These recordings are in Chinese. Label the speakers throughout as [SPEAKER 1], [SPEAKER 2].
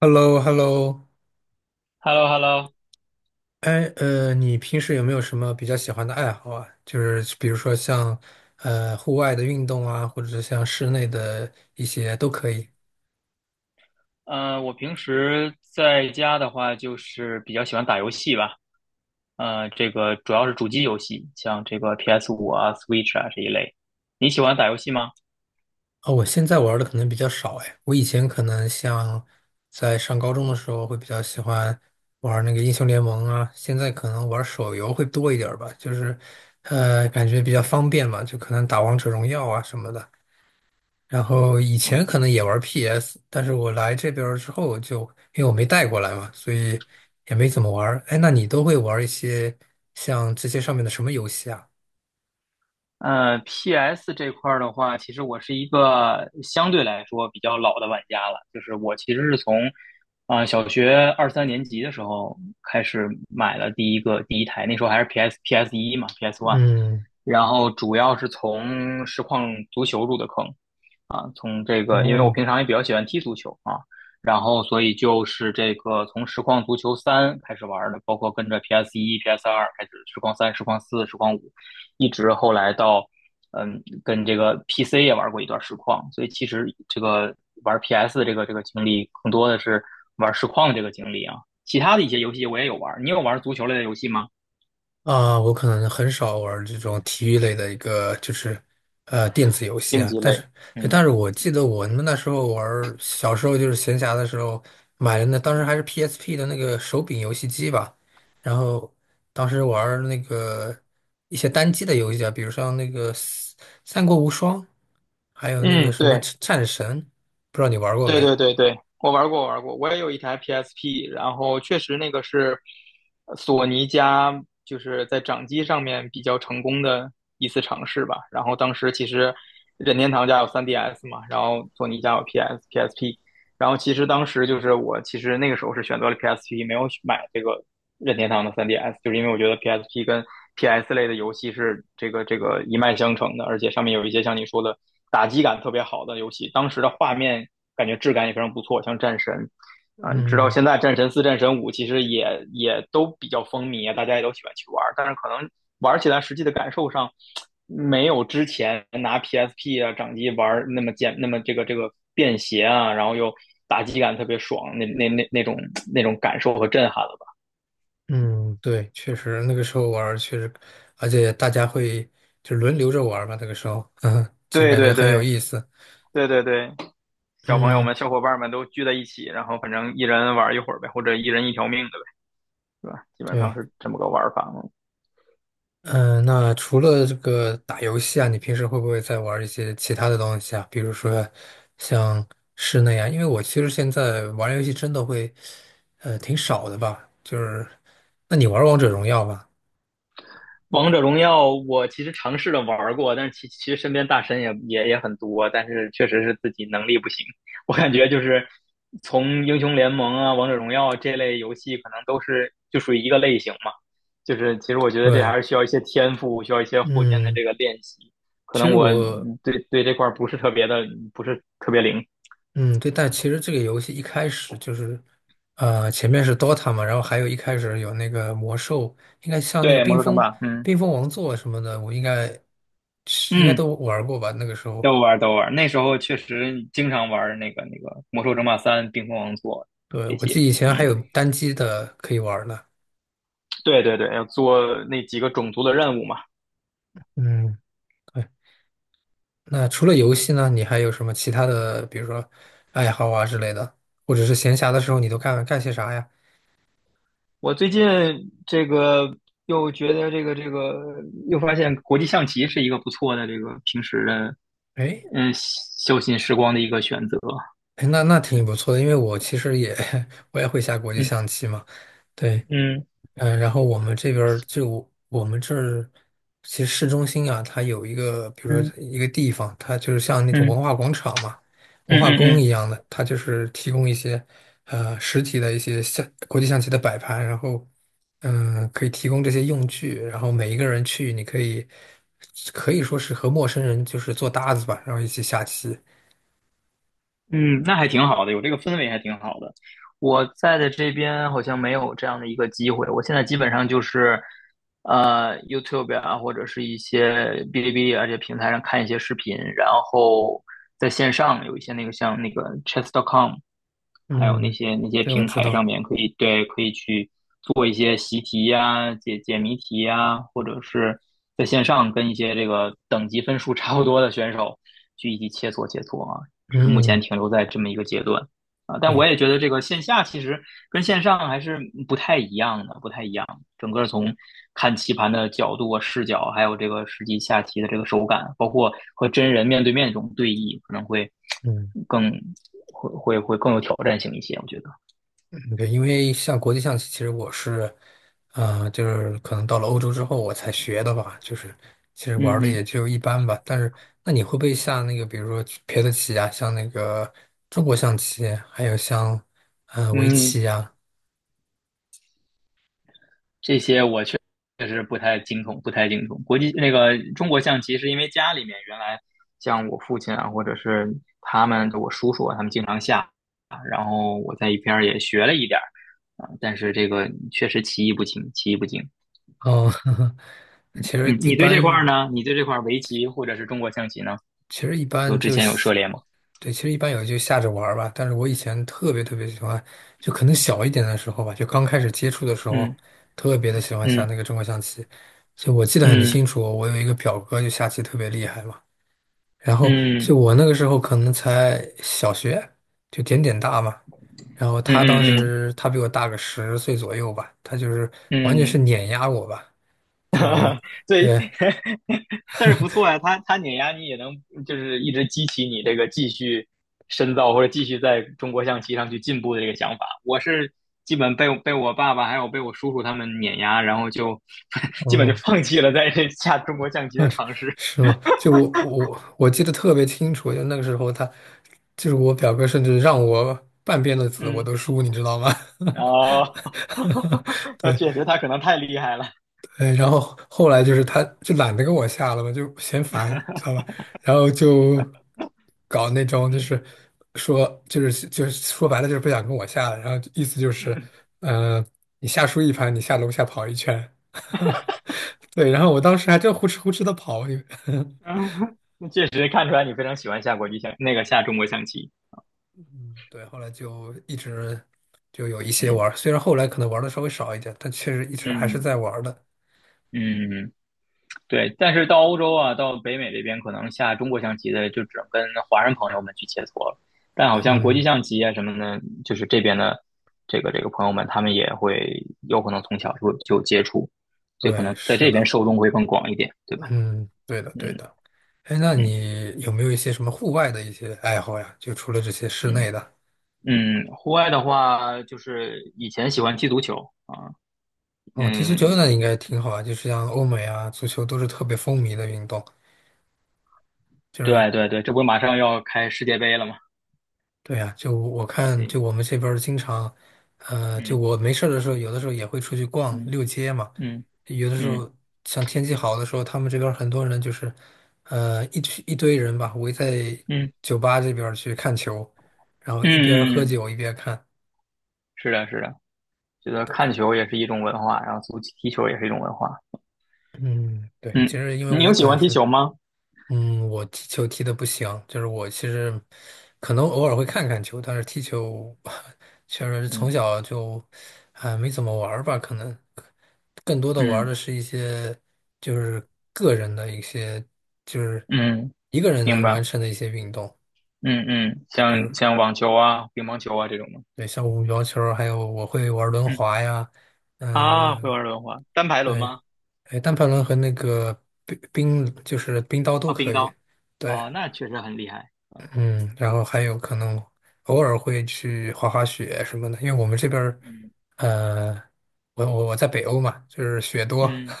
[SPEAKER 1] hello hello
[SPEAKER 2] h e l l o h e l l o。
[SPEAKER 1] 哎，你平时有没有什么比较喜欢的爱好啊？就是比如说像户外的运动啊，或者是像室内的一些都可以。
[SPEAKER 2] 嗯，我平时在家的话，就是比较喜欢打游戏吧。这个主要是主机游戏，像这个 PS5啊、Switch 啊这一类。你喜欢打游戏吗？
[SPEAKER 1] 哦，我现在玩的可能比较少哎，我以前可能像在上高中的时候会比较喜欢玩那个英雄联盟啊，现在可能玩手游会多一点儿吧，就是感觉比较方便嘛，就可能打王者荣耀啊什么的。然后以前可能也玩 PS，但是我来这边儿之后就，因为我没带过来嘛，所以也没怎么玩儿。哎，那你都会玩一些像这些上面的什么游戏啊？
[SPEAKER 2] P s 这块儿的话，其实我是一个相对来说比较老的玩家了。就是我其实是从小学二三年级的时候开始买了第一台。那时候还是 PS1嘛，PS One。
[SPEAKER 1] 嗯，
[SPEAKER 2] 然后主要是从实况足球入的坑。从这个，因为我
[SPEAKER 1] 哦，
[SPEAKER 2] 平常也比较喜欢踢足球啊，然后所以就是这个从实况足球三开始玩的，包括跟着 PS 一、PS 二开始实况三、实况四、实况五，一直后来到跟这个 PC 也玩过一段实况。所以其实这个玩 PS 的这个经历更多的是玩实况这个经历啊。其他的一些游戏我也有玩。你有玩足球类的游戏吗？
[SPEAKER 1] 啊，我可能很少玩这种体育类的一个，就是电子游戏
[SPEAKER 2] 竞
[SPEAKER 1] 啊。
[SPEAKER 2] 技
[SPEAKER 1] 但
[SPEAKER 2] 类。
[SPEAKER 1] 是，对，
[SPEAKER 2] 嗯
[SPEAKER 1] 但是我记得我们那时候玩儿小时候就是闲暇的时候买了那，当时还是 PSP 的那个手柄游戏机吧。然后当时玩儿那个一些单机的游戏啊，比如像那个《三国无双》，还有那个
[SPEAKER 2] 嗯。
[SPEAKER 1] 什么
[SPEAKER 2] 对，
[SPEAKER 1] 《战神》，不知道你玩过
[SPEAKER 2] 对
[SPEAKER 1] 没？
[SPEAKER 2] 对对对，我玩过，我玩过。我也有一台 PSP。然后确实那个是索尼家就是在掌机上面比较成功的一次尝试吧。然后当时其实任天堂家有 3DS 嘛。然后索尼家有 PS、PSP。然后其实当时就是我其实那个时候是选择了 PSP，没有买这个任天堂的 3DS，就是因为我觉得 PSP 跟 PS 类的游戏是这个一脉相承的。而且上面有一些像你说的打击感特别好的游戏，当时的画面感觉质感也非常不错，像《战神》。啊，直到
[SPEAKER 1] 嗯。
[SPEAKER 2] 现在，战神四、战神五其实也都比较风靡啊，大家也都喜欢去玩儿。但是可能玩起来实际的感受上，没有之前拿 PSP 啊掌机玩那么这个便携啊，然后又打击感特别爽，那种感受和震撼了吧？
[SPEAKER 1] 嗯，对，确实那个时候玩儿确实，而且大家会就轮流着玩儿嘛，那个时候，嗯，其实
[SPEAKER 2] 对
[SPEAKER 1] 感觉
[SPEAKER 2] 对
[SPEAKER 1] 很有
[SPEAKER 2] 对
[SPEAKER 1] 意思。
[SPEAKER 2] 对对对。小朋友
[SPEAKER 1] 嗯，
[SPEAKER 2] 们、小伙伴们都聚在一起，然后反正一人玩一会儿呗，或者一人一条命的呗，是吧？基本上
[SPEAKER 1] 对，
[SPEAKER 2] 是这么个玩法嘛。
[SPEAKER 1] 嗯，那除了这个打游戏啊，你平时会不会再玩一些其他的东西啊？比如说像室内啊，因为我其实现在玩游戏真的会，挺少的吧。就是，那你玩王者荣耀吧？
[SPEAKER 2] 王者荣耀我其实尝试着玩儿过，但是其实身边大神也很多，但是确实是自己能力不行。我感觉就是从英雄联盟啊、王者荣耀这类游戏，可能都是就属于一个类型嘛。就是其实我觉得这
[SPEAKER 1] 对，
[SPEAKER 2] 还是需要一些天赋，需要一些后天的
[SPEAKER 1] 嗯，
[SPEAKER 2] 这个练习。可
[SPEAKER 1] 其
[SPEAKER 2] 能
[SPEAKER 1] 实
[SPEAKER 2] 我
[SPEAKER 1] 我。
[SPEAKER 2] 对对这块儿不是特别灵。
[SPEAKER 1] 嗯，对，但其实这个游戏一开始就是，前面是 Dota 嘛，然后还有一开始有那个魔兽，应该像那个
[SPEAKER 2] 对，魔兽争霸。嗯
[SPEAKER 1] 冰封王座什么的，我应该
[SPEAKER 2] 嗯。
[SPEAKER 1] 都玩过吧？那个时候，
[SPEAKER 2] 都玩儿都玩儿，那时候确实经常玩儿那个魔兽争霸三、冰封王座
[SPEAKER 1] 对，
[SPEAKER 2] 这
[SPEAKER 1] 我记
[SPEAKER 2] 些。
[SPEAKER 1] 得以前还
[SPEAKER 2] 嗯。
[SPEAKER 1] 有单机的可以玩呢。
[SPEAKER 2] 对对对，要做那几个种族的任务嘛。
[SPEAKER 1] 嗯，对。那除了游戏呢，你还有什么其他的，比如说爱好啊之类的，或者是闲暇的时候你都干些啥呀？
[SPEAKER 2] 我最近这个又觉得这个这个又发现国际象棋是一个不错的平时的
[SPEAKER 1] 哎，
[SPEAKER 2] 休闲时光的一个选择。
[SPEAKER 1] 那挺不错的，因为我其实也 我也会下国际
[SPEAKER 2] 嗯
[SPEAKER 1] 象棋嘛。对，
[SPEAKER 2] 嗯
[SPEAKER 1] 嗯，然后我们这儿，其实市中心啊，它有一个，比如
[SPEAKER 2] 嗯
[SPEAKER 1] 说一个地方，它就是像那种
[SPEAKER 2] 嗯
[SPEAKER 1] 文
[SPEAKER 2] 嗯
[SPEAKER 1] 化广场嘛，文
[SPEAKER 2] 嗯
[SPEAKER 1] 化
[SPEAKER 2] 嗯
[SPEAKER 1] 宫
[SPEAKER 2] 嗯。
[SPEAKER 1] 一样的，它就是提供一些实体的一些象国际象棋的摆盘，然后可以提供这些用具，然后每一个人去，你可以说是和陌生人就是做搭子吧，然后一起下棋。
[SPEAKER 2] 嗯，那还挺好的，有这个氛围还挺好的。我在的这边好像没有这样的一个机会。我现在基本上就是，YouTube 啊，或者是一些哔哩哔哩啊这些平台上看一些视频，然后在线上有一些那个像那个 Chess.com，还有那
[SPEAKER 1] 嗯，
[SPEAKER 2] 些那些
[SPEAKER 1] 对，我
[SPEAKER 2] 平
[SPEAKER 1] 知
[SPEAKER 2] 台上
[SPEAKER 1] 道。
[SPEAKER 2] 面可以可以去做一些习题呀、解解谜题呀，或者是在线上跟一些这个等级分数差不多的选手去一起切磋切磋啊。只是目前
[SPEAKER 1] 嗯，
[SPEAKER 2] 停留在这么一个阶段啊。但我
[SPEAKER 1] 对。
[SPEAKER 2] 也觉得这个线下其实跟线上还是不太一样的，不太一样。整个从看棋盘的角度啊、视角，还有这个实际下棋的这个手感，包括和真人面对面这种对弈，可能会
[SPEAKER 1] 嗯。
[SPEAKER 2] 更会会会更有挑战性一些。我觉得。
[SPEAKER 1] 对，因为像国际象棋，其实我是，就是可能到了欧洲之后我才学的吧，就是其实玩
[SPEAKER 2] 嗯
[SPEAKER 1] 的也
[SPEAKER 2] 嗯
[SPEAKER 1] 就一般吧。但是，那你会不会下那个，比如说别的棋啊，像那个中国象棋，还有像围
[SPEAKER 2] 嗯，
[SPEAKER 1] 棋呀？
[SPEAKER 2] 这些我确实不太精通，不太精通。国际那个中国象棋是因为家里面原来像我父亲啊，或者是我叔叔啊，他们经常下，然后我在一边儿也学了一点儿啊，但是这个确实棋艺不精，棋艺不精。
[SPEAKER 1] 哦，其
[SPEAKER 2] 你
[SPEAKER 1] 实一
[SPEAKER 2] 你对这块儿
[SPEAKER 1] 般，
[SPEAKER 2] 呢？你对这块儿围棋或者是中国象棋呢？
[SPEAKER 1] 其实一般
[SPEAKER 2] 之
[SPEAKER 1] 就
[SPEAKER 2] 前有涉
[SPEAKER 1] 喜
[SPEAKER 2] 猎吗？
[SPEAKER 1] 对，其实一般有就下着玩儿吧。但是我以前特别特别喜欢，就可能小一点的时候吧，就刚开始接触的时候，特别的喜欢下
[SPEAKER 2] 嗯
[SPEAKER 1] 那个中国象棋。就我记得很清
[SPEAKER 2] 嗯
[SPEAKER 1] 楚，我有一个表哥就下棋特别厉害嘛。然后
[SPEAKER 2] 嗯
[SPEAKER 1] 就我那个时候可能才小学，就点点大嘛。然后
[SPEAKER 2] 嗯
[SPEAKER 1] 他当
[SPEAKER 2] 嗯嗯嗯嗯嗯。
[SPEAKER 1] 时他比我大个十岁左右吧，他就是完
[SPEAKER 2] 嗯
[SPEAKER 1] 全
[SPEAKER 2] 嗯
[SPEAKER 1] 是
[SPEAKER 2] 嗯
[SPEAKER 1] 碾压我吧，就
[SPEAKER 2] 对。
[SPEAKER 1] 对，
[SPEAKER 2] 但是不错呀，他碾压你也能就是一直激起你这个继续深造或者继续在中国象棋上去进步的这个想法。我是基本被我爸爸还有被我叔叔他们碾压，然后就 基本就
[SPEAKER 1] 嗯，
[SPEAKER 2] 放弃了在这 下中国象棋
[SPEAKER 1] 啊，
[SPEAKER 2] 的尝试。
[SPEAKER 1] 是吗？就我记得特别清楚，就那个时候他，就是我表哥，甚至让我半边的子我
[SPEAKER 2] 嗯，
[SPEAKER 1] 都输，你知道吗？
[SPEAKER 2] 哦，那
[SPEAKER 1] 对，
[SPEAKER 2] 确实他可能太厉害了。
[SPEAKER 1] 哎，然后后来就是他就懒得跟我下了嘛，就嫌烦，知道吧？然后就搞那种就
[SPEAKER 2] 嗯
[SPEAKER 1] 是说就是说白了就是不想跟我下了，然后意思就是，
[SPEAKER 2] 嗯
[SPEAKER 1] 嗯、你下输一盘，你下楼下跑一圈，对，然后我当时还真呼哧呼哧的跑，
[SPEAKER 2] 嗯，那确实看出来你非常喜欢下国际象那个下中国象棋。
[SPEAKER 1] 对，后来就一直就有一些
[SPEAKER 2] 嗯
[SPEAKER 1] 玩儿虽然后来可能玩的稍微少一点，但确实一直还是
[SPEAKER 2] 嗯
[SPEAKER 1] 在玩儿的。
[SPEAKER 2] 嗯。嗯对，但是到欧洲啊，到北美这边，可能下中国象棋的就只能跟华人朋友们去切磋了。但好像国际
[SPEAKER 1] 嗯，
[SPEAKER 2] 象棋啊什么的，就是这边的这个朋友们，他们也会有可能从小就接触，所以可
[SPEAKER 1] 对，
[SPEAKER 2] 能在
[SPEAKER 1] 是
[SPEAKER 2] 这
[SPEAKER 1] 的，
[SPEAKER 2] 边受众会更广一点，对吧？
[SPEAKER 1] 嗯，对的，对
[SPEAKER 2] 嗯
[SPEAKER 1] 的。哎，那
[SPEAKER 2] 嗯
[SPEAKER 1] 你有没有一些什么户外的一些爱好呀？就除了这些室
[SPEAKER 2] 嗯
[SPEAKER 1] 内的，
[SPEAKER 2] 嗯，户外的话，就是以前喜欢踢足球啊。
[SPEAKER 1] 哦，踢足
[SPEAKER 2] 嗯，
[SPEAKER 1] 球那应该挺好啊，就是像欧美啊，足球都是特别风靡的运动，就是
[SPEAKER 2] 对对对，这不马上要开世界杯了吗？
[SPEAKER 1] 对呀，就我看，
[SPEAKER 2] 对。
[SPEAKER 1] 就我们这边儿经常，就
[SPEAKER 2] 嗯
[SPEAKER 1] 我没事儿的时候，有的时候也会出去逛溜街嘛。
[SPEAKER 2] 嗯
[SPEAKER 1] 有的时
[SPEAKER 2] 嗯
[SPEAKER 1] 候，像天气好的时候，他们这边儿很多人就是，一群一堆人吧，围在
[SPEAKER 2] 嗯嗯
[SPEAKER 1] 酒吧这边儿去看球，然后一边儿喝
[SPEAKER 2] 嗯嗯。
[SPEAKER 1] 酒一边儿看。
[SPEAKER 2] 是的，是的。觉得看球也是一种文化，然后足球踢球也是一种文化。
[SPEAKER 1] 嗯，对，其
[SPEAKER 2] 嗯，
[SPEAKER 1] 实因为
[SPEAKER 2] 你
[SPEAKER 1] 我
[SPEAKER 2] 有喜
[SPEAKER 1] 本
[SPEAKER 2] 欢踢
[SPEAKER 1] 身
[SPEAKER 2] 球吗？
[SPEAKER 1] 我踢球踢的不行，就是我其实可能偶尔会看看球，但是踢球 确实从
[SPEAKER 2] 嗯
[SPEAKER 1] 小就没怎么玩儿吧，可能更多的玩儿
[SPEAKER 2] 嗯
[SPEAKER 1] 的是一些就是个人的一些就是
[SPEAKER 2] 嗯，
[SPEAKER 1] 一个人
[SPEAKER 2] 明
[SPEAKER 1] 能完
[SPEAKER 2] 白。
[SPEAKER 1] 成的一些运动，
[SPEAKER 2] 嗯嗯，
[SPEAKER 1] 对，比如
[SPEAKER 2] 像网球啊、乒乓球啊这种吗？
[SPEAKER 1] 对像羽毛球儿还有我会玩儿轮
[SPEAKER 2] 嗯
[SPEAKER 1] 滑呀，
[SPEAKER 2] 啊，会
[SPEAKER 1] 嗯、
[SPEAKER 2] 玩轮滑，单排轮
[SPEAKER 1] 对，
[SPEAKER 2] 吗？
[SPEAKER 1] 哎，单排轮和那个冰冰就是冰刀都
[SPEAKER 2] 啊，冰
[SPEAKER 1] 可以，
[SPEAKER 2] 刀。
[SPEAKER 1] 对。
[SPEAKER 2] 啊，那确实很厉害。
[SPEAKER 1] 嗯，然后还有可能偶尔会去滑滑雪什么的，因为我们这边儿，
[SPEAKER 2] 嗯
[SPEAKER 1] 呃，我在北欧嘛，就是雪多，
[SPEAKER 2] 嗯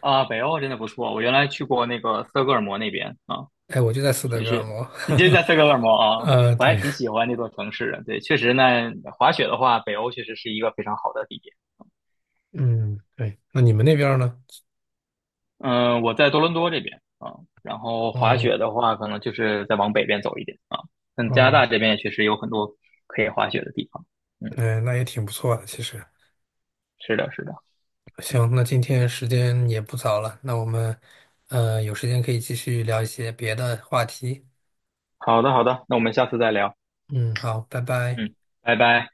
[SPEAKER 2] 啊，北欧真的不错。我原来去过那个斯德哥尔摩那边啊。
[SPEAKER 1] 哎，我就在斯德
[SPEAKER 2] 确
[SPEAKER 1] 哥尔
[SPEAKER 2] 实，
[SPEAKER 1] 摩，
[SPEAKER 2] 你这在斯德哥尔摩 啊。我还
[SPEAKER 1] 对，
[SPEAKER 2] 挺喜欢那座城市的。对，确实呢，滑雪的话，北欧确实是一个非常好的地点。
[SPEAKER 1] 嗯，对，那你们那边儿呢？
[SPEAKER 2] 嗯，我在多伦多这边啊，然后滑
[SPEAKER 1] 嗯，
[SPEAKER 2] 雪的话，可能就是再往北边走一点啊。但加拿
[SPEAKER 1] 哦，
[SPEAKER 2] 大这边也确实有很多可以滑雪的地方。嗯，
[SPEAKER 1] 嗯，那也挺不错的，其实。
[SPEAKER 2] 是的，是的。
[SPEAKER 1] 行，那今天时间也不早了，那我们，有时间可以继续聊一些别的话题。
[SPEAKER 2] 好的，好的，那我们下次再聊。
[SPEAKER 1] 嗯，好，拜拜。
[SPEAKER 2] 嗯，拜拜。